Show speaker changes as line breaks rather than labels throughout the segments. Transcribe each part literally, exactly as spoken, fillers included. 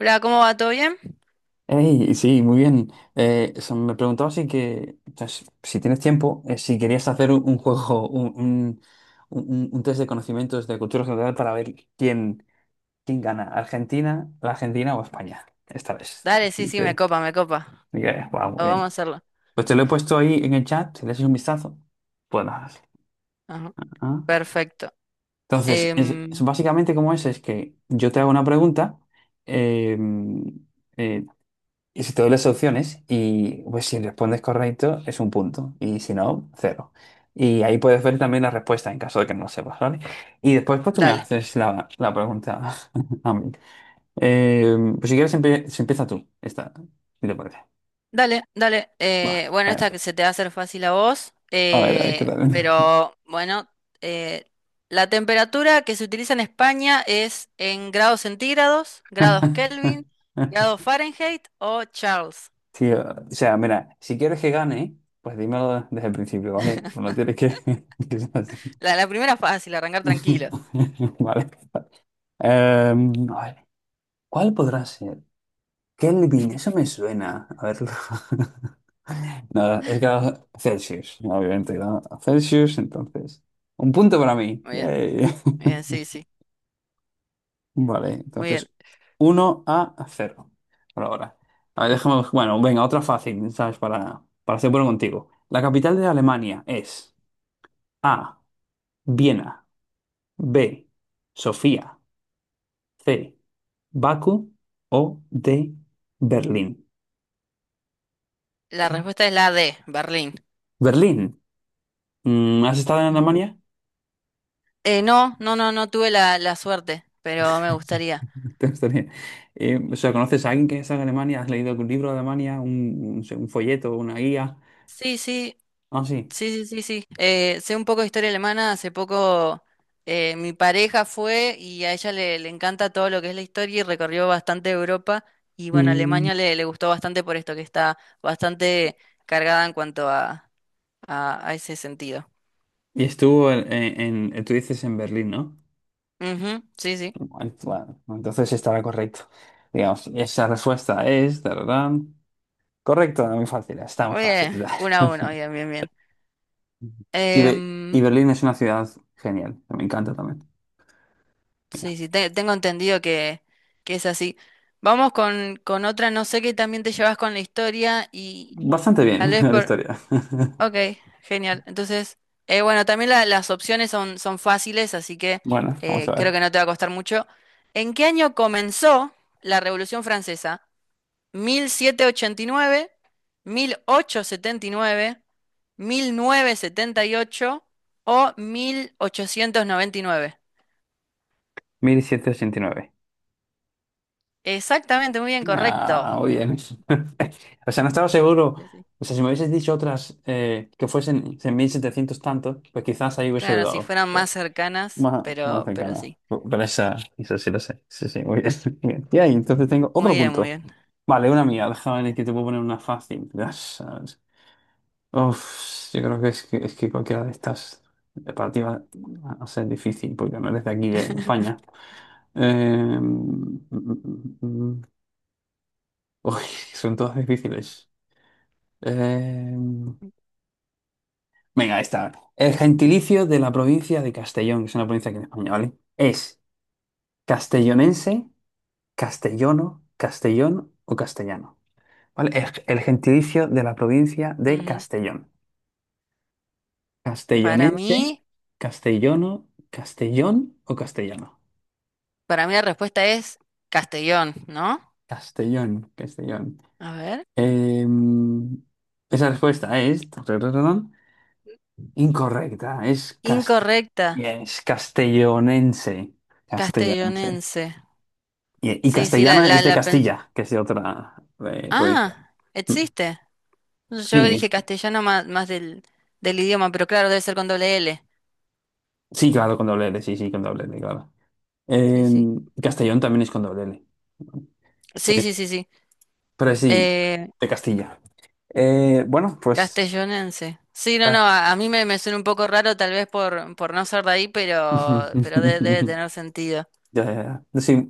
Hola, ¿cómo va? ¿Todo bien?
Ey, sí, muy bien. Eh, so- me preguntaba si que, o sea, si si tienes tiempo, eh, si querías hacer un, un juego, un, un, un- un test de conocimientos de cultura general para ver quién, quién gana, Argentina, la Argentina o España, esta vez.
Dale, sí,
Sí,
sí, me
te-
copa, me copa.
dije: "Guau, muy
Ah, vamos a
bien."
hacerlo.
Pues te lo he puesto ahí en el chat, si le echas un vistazo. Puedes.
Ajá,
Ah.
perfecto.
Entonces, es- es
Em,
básicamente como es, es que yo te hago una pregunta. eh, eh, Y si te doy las opciones y pues si respondes correcto es un punto y si no, cero. Y ahí puedes ver también la respuesta en caso de que no lo sepas, ¿vale? Y después pues tú me
dale,
haces la, la pregunta a mí. Eh, pues si quieres empie- se empieza tú, esta, si te parece.
dale, dale.
Va.
Eh, bueno,
Eh,
esta que se te va a hacer fácil a vos,
A ver, a ver qué
eh,
tal.
pero bueno, eh, la temperatura que se utiliza en España es en grados centígrados, grados Kelvin, grados Fahrenheit o Charles.
Sí, o sea, mira, si quieres que gane, pues dímelo desde el principio, ¿vale? No tienes que, que ser así.
La, la primera fácil, arrancar tranquilo.
Vale. Em, a ver. ¿Cuál podrá ser? Kelvin, eso me suena. A ver. Nada, es que era Celsius, obviamente, ¿no? Celsius, entonces. Un punto para mí.
Muy bien,
Yay.
muy bien, sí, sí,
Vale,
muy bien.
entonces uno a cero. Por ahora. A ver, déjame. Bueno, venga, otra fácil, ¿sabes? Para, para ser bueno contigo. La capital de Alemania es: A. Viena. B. Sofía. C. Bakú. O D. Berlín.
La
Ti-
respuesta es la D, Berlín.
Berlín. Mm, ¿Has estado en Alemania?
Eh, no, no, no, no tuve la, la suerte, pero me gustaría.
Te gustaría. Eh, o sea, ¿conoces a alguien que es de Alemania? ¿Has leído algún libro de Alemania? ¿Un, un- un folleto, una guía?
Sí, sí,
Ah, sí.
sí, sí, sí, sí. Eh, sé un poco de historia alemana. Hace poco eh, mi pareja fue y a ella le, le encanta todo lo que es la historia y recorrió bastante Europa. Y bueno,
Mm.
Alemania le, le gustó bastante por esto, que está bastante cargada en cuanto a, a, a ese sentido.
Y estuvo en, en- en- tú dices en Berlín, ¿no?
Ujú, sí, sí.
Bueno, bueno, entonces estará correcto. Digamos, esa respuesta es... tararán, correcto, muy fácil, es tan
Muy
fácil.
bien, uno a uno, bien, bien, bien.
Y, Be- y
Em,
Berlín es una ciudad genial, me encanta también. Venga.
Sí, sí, te- tengo entendido que, que es así. Vamos con, con otra, no sé qué también te llevas con la historia y
Bastante
tal
bien
vez
la
por...
historia.
Ok, genial. Entonces, eh, bueno, también la- las opciones son, son fáciles, así que
Bueno, vamos
eh,
a
creo
ver.
que no te va a costar mucho. ¿En qué año comenzó la Revolución Francesa? Mil mil mil setecientos ochenta y y nueve, nueve, ochocientos setenta y nueve, mil novecientos setenta y ocho o mil ochocientos noventa y nueve.
Mil setecientos ochenta y nueve.
Exactamente, muy bien, correcto.
Ah, muy bien. O sea, no estaba seguro.
Sí, sí.
O sea, si me hubieses dicho otras eh, que fuesen en mil setecientos tantos, pues quizás ahí hubiese
Claro, si
dudado.
fueran
Pero
más cercanas,
más, más
pero, pero
cercana.
sí.
Pero esa, esa sí lo sé. Sí, sí, muy bien. Bien. Y ahí, entonces tengo
Muy
otro
bien, muy
punto.
bien.
Vale, una mía. Déjame ver que te puedo poner una fácil. Ya sabes. Uf, yo creo que es que, es que cualquiera de estas para ti va a ser difícil porque no eres de aquí, de España. Eh, mm, mm, mm, mm. mm. Uy, son todas difíciles. Eh, Venga, esta. El
Pero sí.
gentilicio de la provincia de Castellón, que es una provincia aquí en España, ¿vale?, es castellonense, castellono, castellón o castellano. ¿Vale? El, el gentilicio de la provincia de
Ujú.
Castellón.
Para
Castellonense,
mí,
castellono, castellón o castellano.
para mí la respuesta es Castellón, ¿no?
Castellón, Castellón.
A ver.
Eh, Esa respuesta es tarararán, incorrecta. Es cast-
Incorrecta,
yes, castellonense. Castellonense.
castellonense.
Y, y
Sí, sí, la,
castellano
la,
es de
la pens-
Castilla, que es de otra eh, provincia.
Ah, existe. Yo dije
Sí,
castellano más, más del, del idioma, pero claro, debe ser con doble L.
sí, claro, con doble L, sí, sí, con doble L, claro.
Sí, sí.
En Castellón también es con doble L.
Sí,
Eh,
sí, sí, sí.
pero sí,
Eh,
de Castilla. Eh, bueno, pues...
Castellonense. Sí, no, no,
Ah.
a, a mí me, me suena un poco raro tal vez por, por no ser de ahí, pero, pero de- debe tener sentido.
Ya, ya, ya. Sí,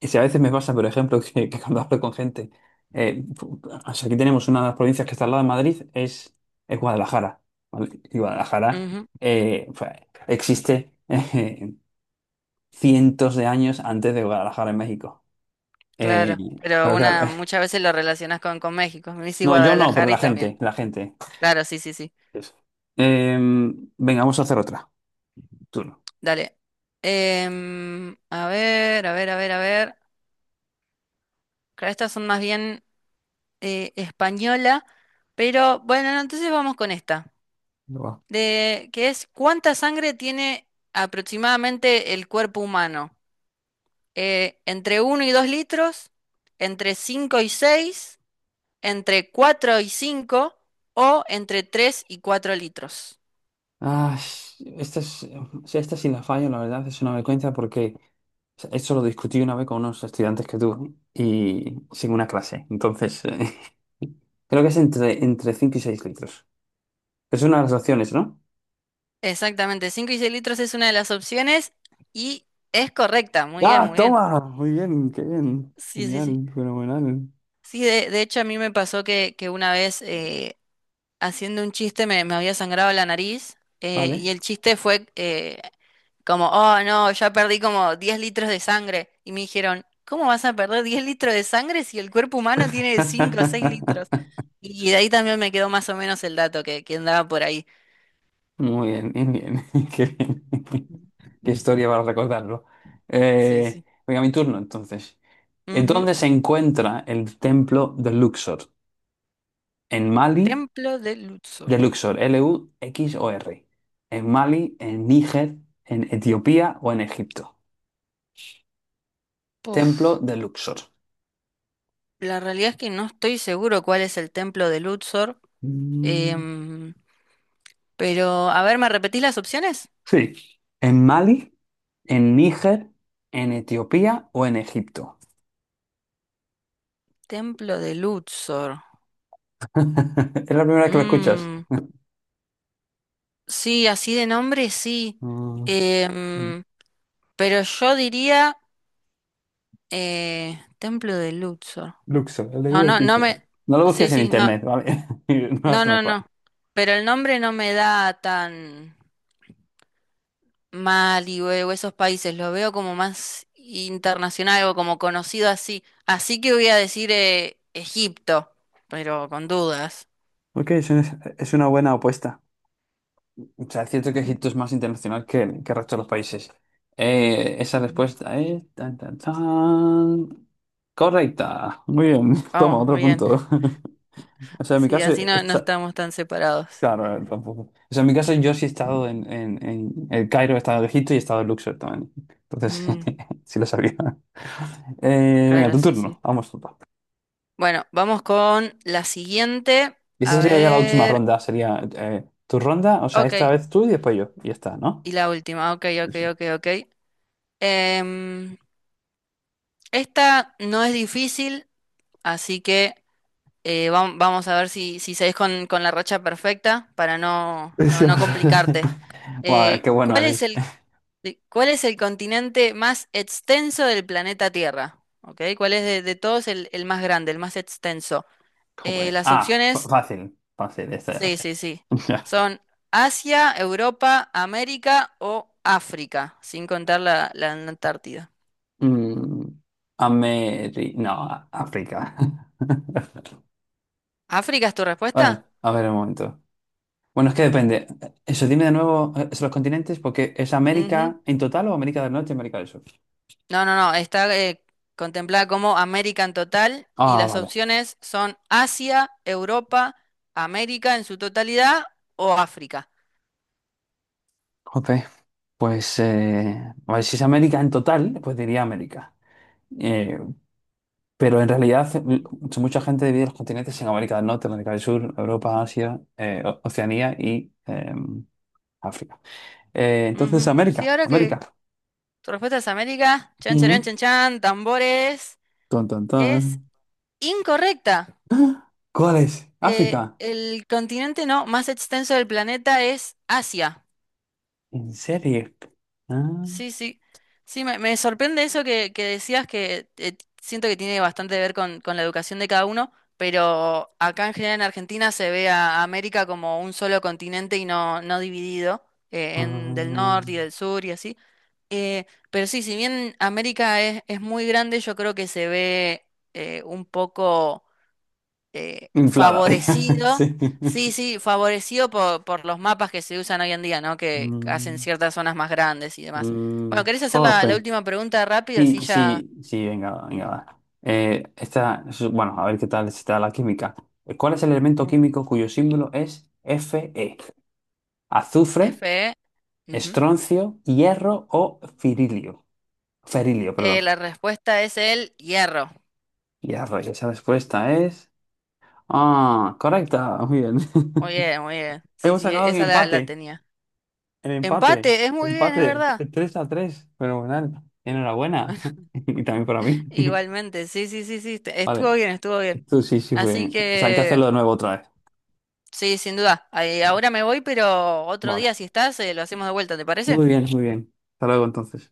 y si a veces me pasa, por ejemplo, que, que cuando hablo con gente, eh, pu- o sea, aquí tenemos una de las provincias que está al lado de Madrid, es, es Guadalajara, ¿vale? Y Guadalajara
Ujú,
eh, fue- existe cientos de años antes de Guadalajara en México. Eh,
claro, pero
pero claro,
una muchas veces lo relacionas con, con México. Me dice
no, yo no, pero
Guadalajara
la
y
gente,
también.
la gente.
Claro, sí, sí, sí.
Eso. Eh, Venga, vamos a hacer otra. Turno.
Dale. Em, a ver, a ver, a ver, a ver. Claro, estas son más bien eh, española, pero bueno, no, entonces vamos con esta.
Va.
De, que es ¿cuánta sangre tiene aproximadamente el cuerpo humano? Eh, entre uno y dos litros, entre cinco y seis, entre cuatro y cinco o entre tres y cuatro litros.
Ah, esta es... si esta sí la fallo, la verdad, es una vergüenza porque o sea, esto lo discutí una vez con unos estudiantes que tuve y sin una clase. Entonces, eh, creo que es entre, entre cinco y seis litros. Es una de las opciones, ¿no?
Exactamente, cinco y seis litros es una de las opciones y es correcta. Muy bien,
¡Ah,
muy bien.
toma! Muy bien, qué bien.
Sí, sí, sí.
Genial, fenomenal.
Sí, de, de hecho a mí me pasó que, que una vez eh, haciendo un chiste me, me había sangrado la nariz eh, y
Vale.
el chiste fue, eh, como, oh no, ya perdí como diez litros de sangre. Y me dijeron, ¿cómo vas a perder diez litros de sangre si el cuerpo humano tiene cinco o seis litros? Y de ahí también me quedó más o menos el dato que, que andaba por ahí.
Muy bien, bien, bien. Qué bien. Qué historia para recordarlo.
Sí,
Eh,
sí.
venga, mi turno entonces. ¿En
Ujú.
¿Dónde se encuentra el templo de Luxor? ¿En Mali?
Templo de Luxor.
De Luxor, L-U-X-O-R. ¿En Mali, en Níger, en Etiopía o en Egipto?
Puf.
Templo de Luxor.
La realidad es que no estoy seguro cuál es el templo de Luxor.
Mm,
em, pero, a ver, ¿me repetís las opciones?
sí. ¿En Mali, en Níger, en Etiopía o en Egipto?
Templo de Luxor.
Es la primera vez que lo escuchas.
Mm, Sí, así de nombre, sí.
Mm.
Em, pero yo diría eh, Templo de Luxor.
Luxor,
No, no, no
L V X O.
me...
No lo
Sí,
busques en
sí, no.
internet, ¿vale? No hagas
No, no,
trampa.
no. Pero el nombre no me da tan Mali o o esos países. Lo veo como más internacional o como conocido así. Así que voy a decir eh, Egipto, pero con dudas.
Ok, es, un- es una buena apuesta. O sea, es cierto que
Mm,
Egipto es más internacional que, que el resto de los países. Eh, esa
ujú.
respuesta es... tan, tan, tan. Correcta. Muy bien. Toma,
Vamos, muy
otro
bien.
punto. O sea, en mi
Sí,
caso...
así no, no
está...
estamos tan separados.
Claro, eh, tampoco. O sea, en mi caso yo sí he estado en, en, en el Cairo, he estado en Egipto y he estado en Luxor también. Entonces,
Mm,
sí lo sabía. Eh, venga,
claro,
tu
sí, sí.
turno. Vamos, tú.
Bueno, vamos con la siguiente.
Y esa
A
sería ya la última
ver.
ronda, sería eh, tu ronda, o sea,
Ok.
esta vez tú y después yo. Y ya está, ¿no?
Y la última. Ok, ok,
Eso.
ok, ok. Em, Esta no es difícil, así que eh, vam- vamos a ver si, si seguís con, con la racha perfecta para no, no, no
Decíamos.
complicarte.
Guau, qué
Eh,
bueno
¿cuál es
eres.
el, de- cuál es el continente más extenso del planeta Tierra? ¿Ok? ¿Cuál es de, de todos el, el más grande, el más extenso? Eh,
Jope.
las
Ah, fa-
opciones
fácil, fácil, esta ya lo
sí,
sé.
sí, sí,
Ya.
son Asia, Europa, América o África, sin contar la, la Antártida.
Mm, Ameri... No, a- África.
¿África es tu respuesta?
Bueno, a ver un momento. Bueno, es que depende. Eso, dime de nuevo eh, los continentes, porque es
Ujú.
América en total o América del Norte y América del Sur.
No, no, no. Está eh, contemplada como América en total y
Ah,
las
vale.
opciones son Asia, Europa, América en su totalidad o África.
Jope. Pues, eh, a ver, si es América en total, pues diría América. Eh, pero en realidad l- mucha gente divide los continentes en América del Norte, América del Sur, Europa, Asia, eh, O- Oceanía y eh, África. Eh, entonces,
Ujú.
América,
Sí, ahora que
América.
tu respuesta es América, chan, chan,
Ujú.
chan, chan, tambores,
Ton, ton, ton.
es incorrecta.
¡Ah! ¿Cuál es?
Eh,
África.
el continente no, más extenso del planeta es Asia.
¿En serio? Ah,
Sí, sí. Sí, me, me sorprende eso que, que decías que eh, siento que tiene bastante que ver con, con la educación de cada uno, pero acá en general en Argentina se ve a América como un solo continente y no, no dividido eh, en del
ah.
norte y del sur y así. Eh, pero sí, si bien América es, es muy grande, yo creo que se ve eh, un poco eh,
Inflada.
favorecido,
Sí.
sí, sí, favorecido por, por los mapas que se usan hoy en día, ¿no? Que hacen
Mm,
ciertas zonas más grandes y demás.
mm.
Bueno, ¿querés hacer la,
Jope.
la última pregunta rápido?
Sí,
Así ya.
sí, sí, venga, venga, va. Eh, esta, es- bueno, a ver qué tal está la química. ¿Cuál es el elemento
Mm.
químico cuyo símbolo es Fe? ¿Azufre,
F E. Ujú.
estroncio, hierro o firilio? Ferilio,
Eh,
perdón.
la respuesta es el hierro.
Hierro, y esa respuesta es... Ah, correcta, muy bien.
Muy bien, muy bien. Sí,
Hemos
sí,
sacado
e-,
un
esa la, la
empate,
tenía.
el empate,
Empate, es muy bien, es
empate,
verdad.
tres a tres, fenomenal. Enhorabuena, y también para mí.
Igualmente, sí, sí, sí, sí. te- Estuvo
Vale,
bien, estuvo bien.
tú sí, sí
Así
fue. O sea, hay que
que,
hacerlo de nuevo otra vez.
sí, sin duda. Ahí, ahora me voy, pero otro
Vale.
día, si estás, eh, lo hacemos de vuelta, ¿te parece?
Muy bien, muy bien. Hasta luego entonces.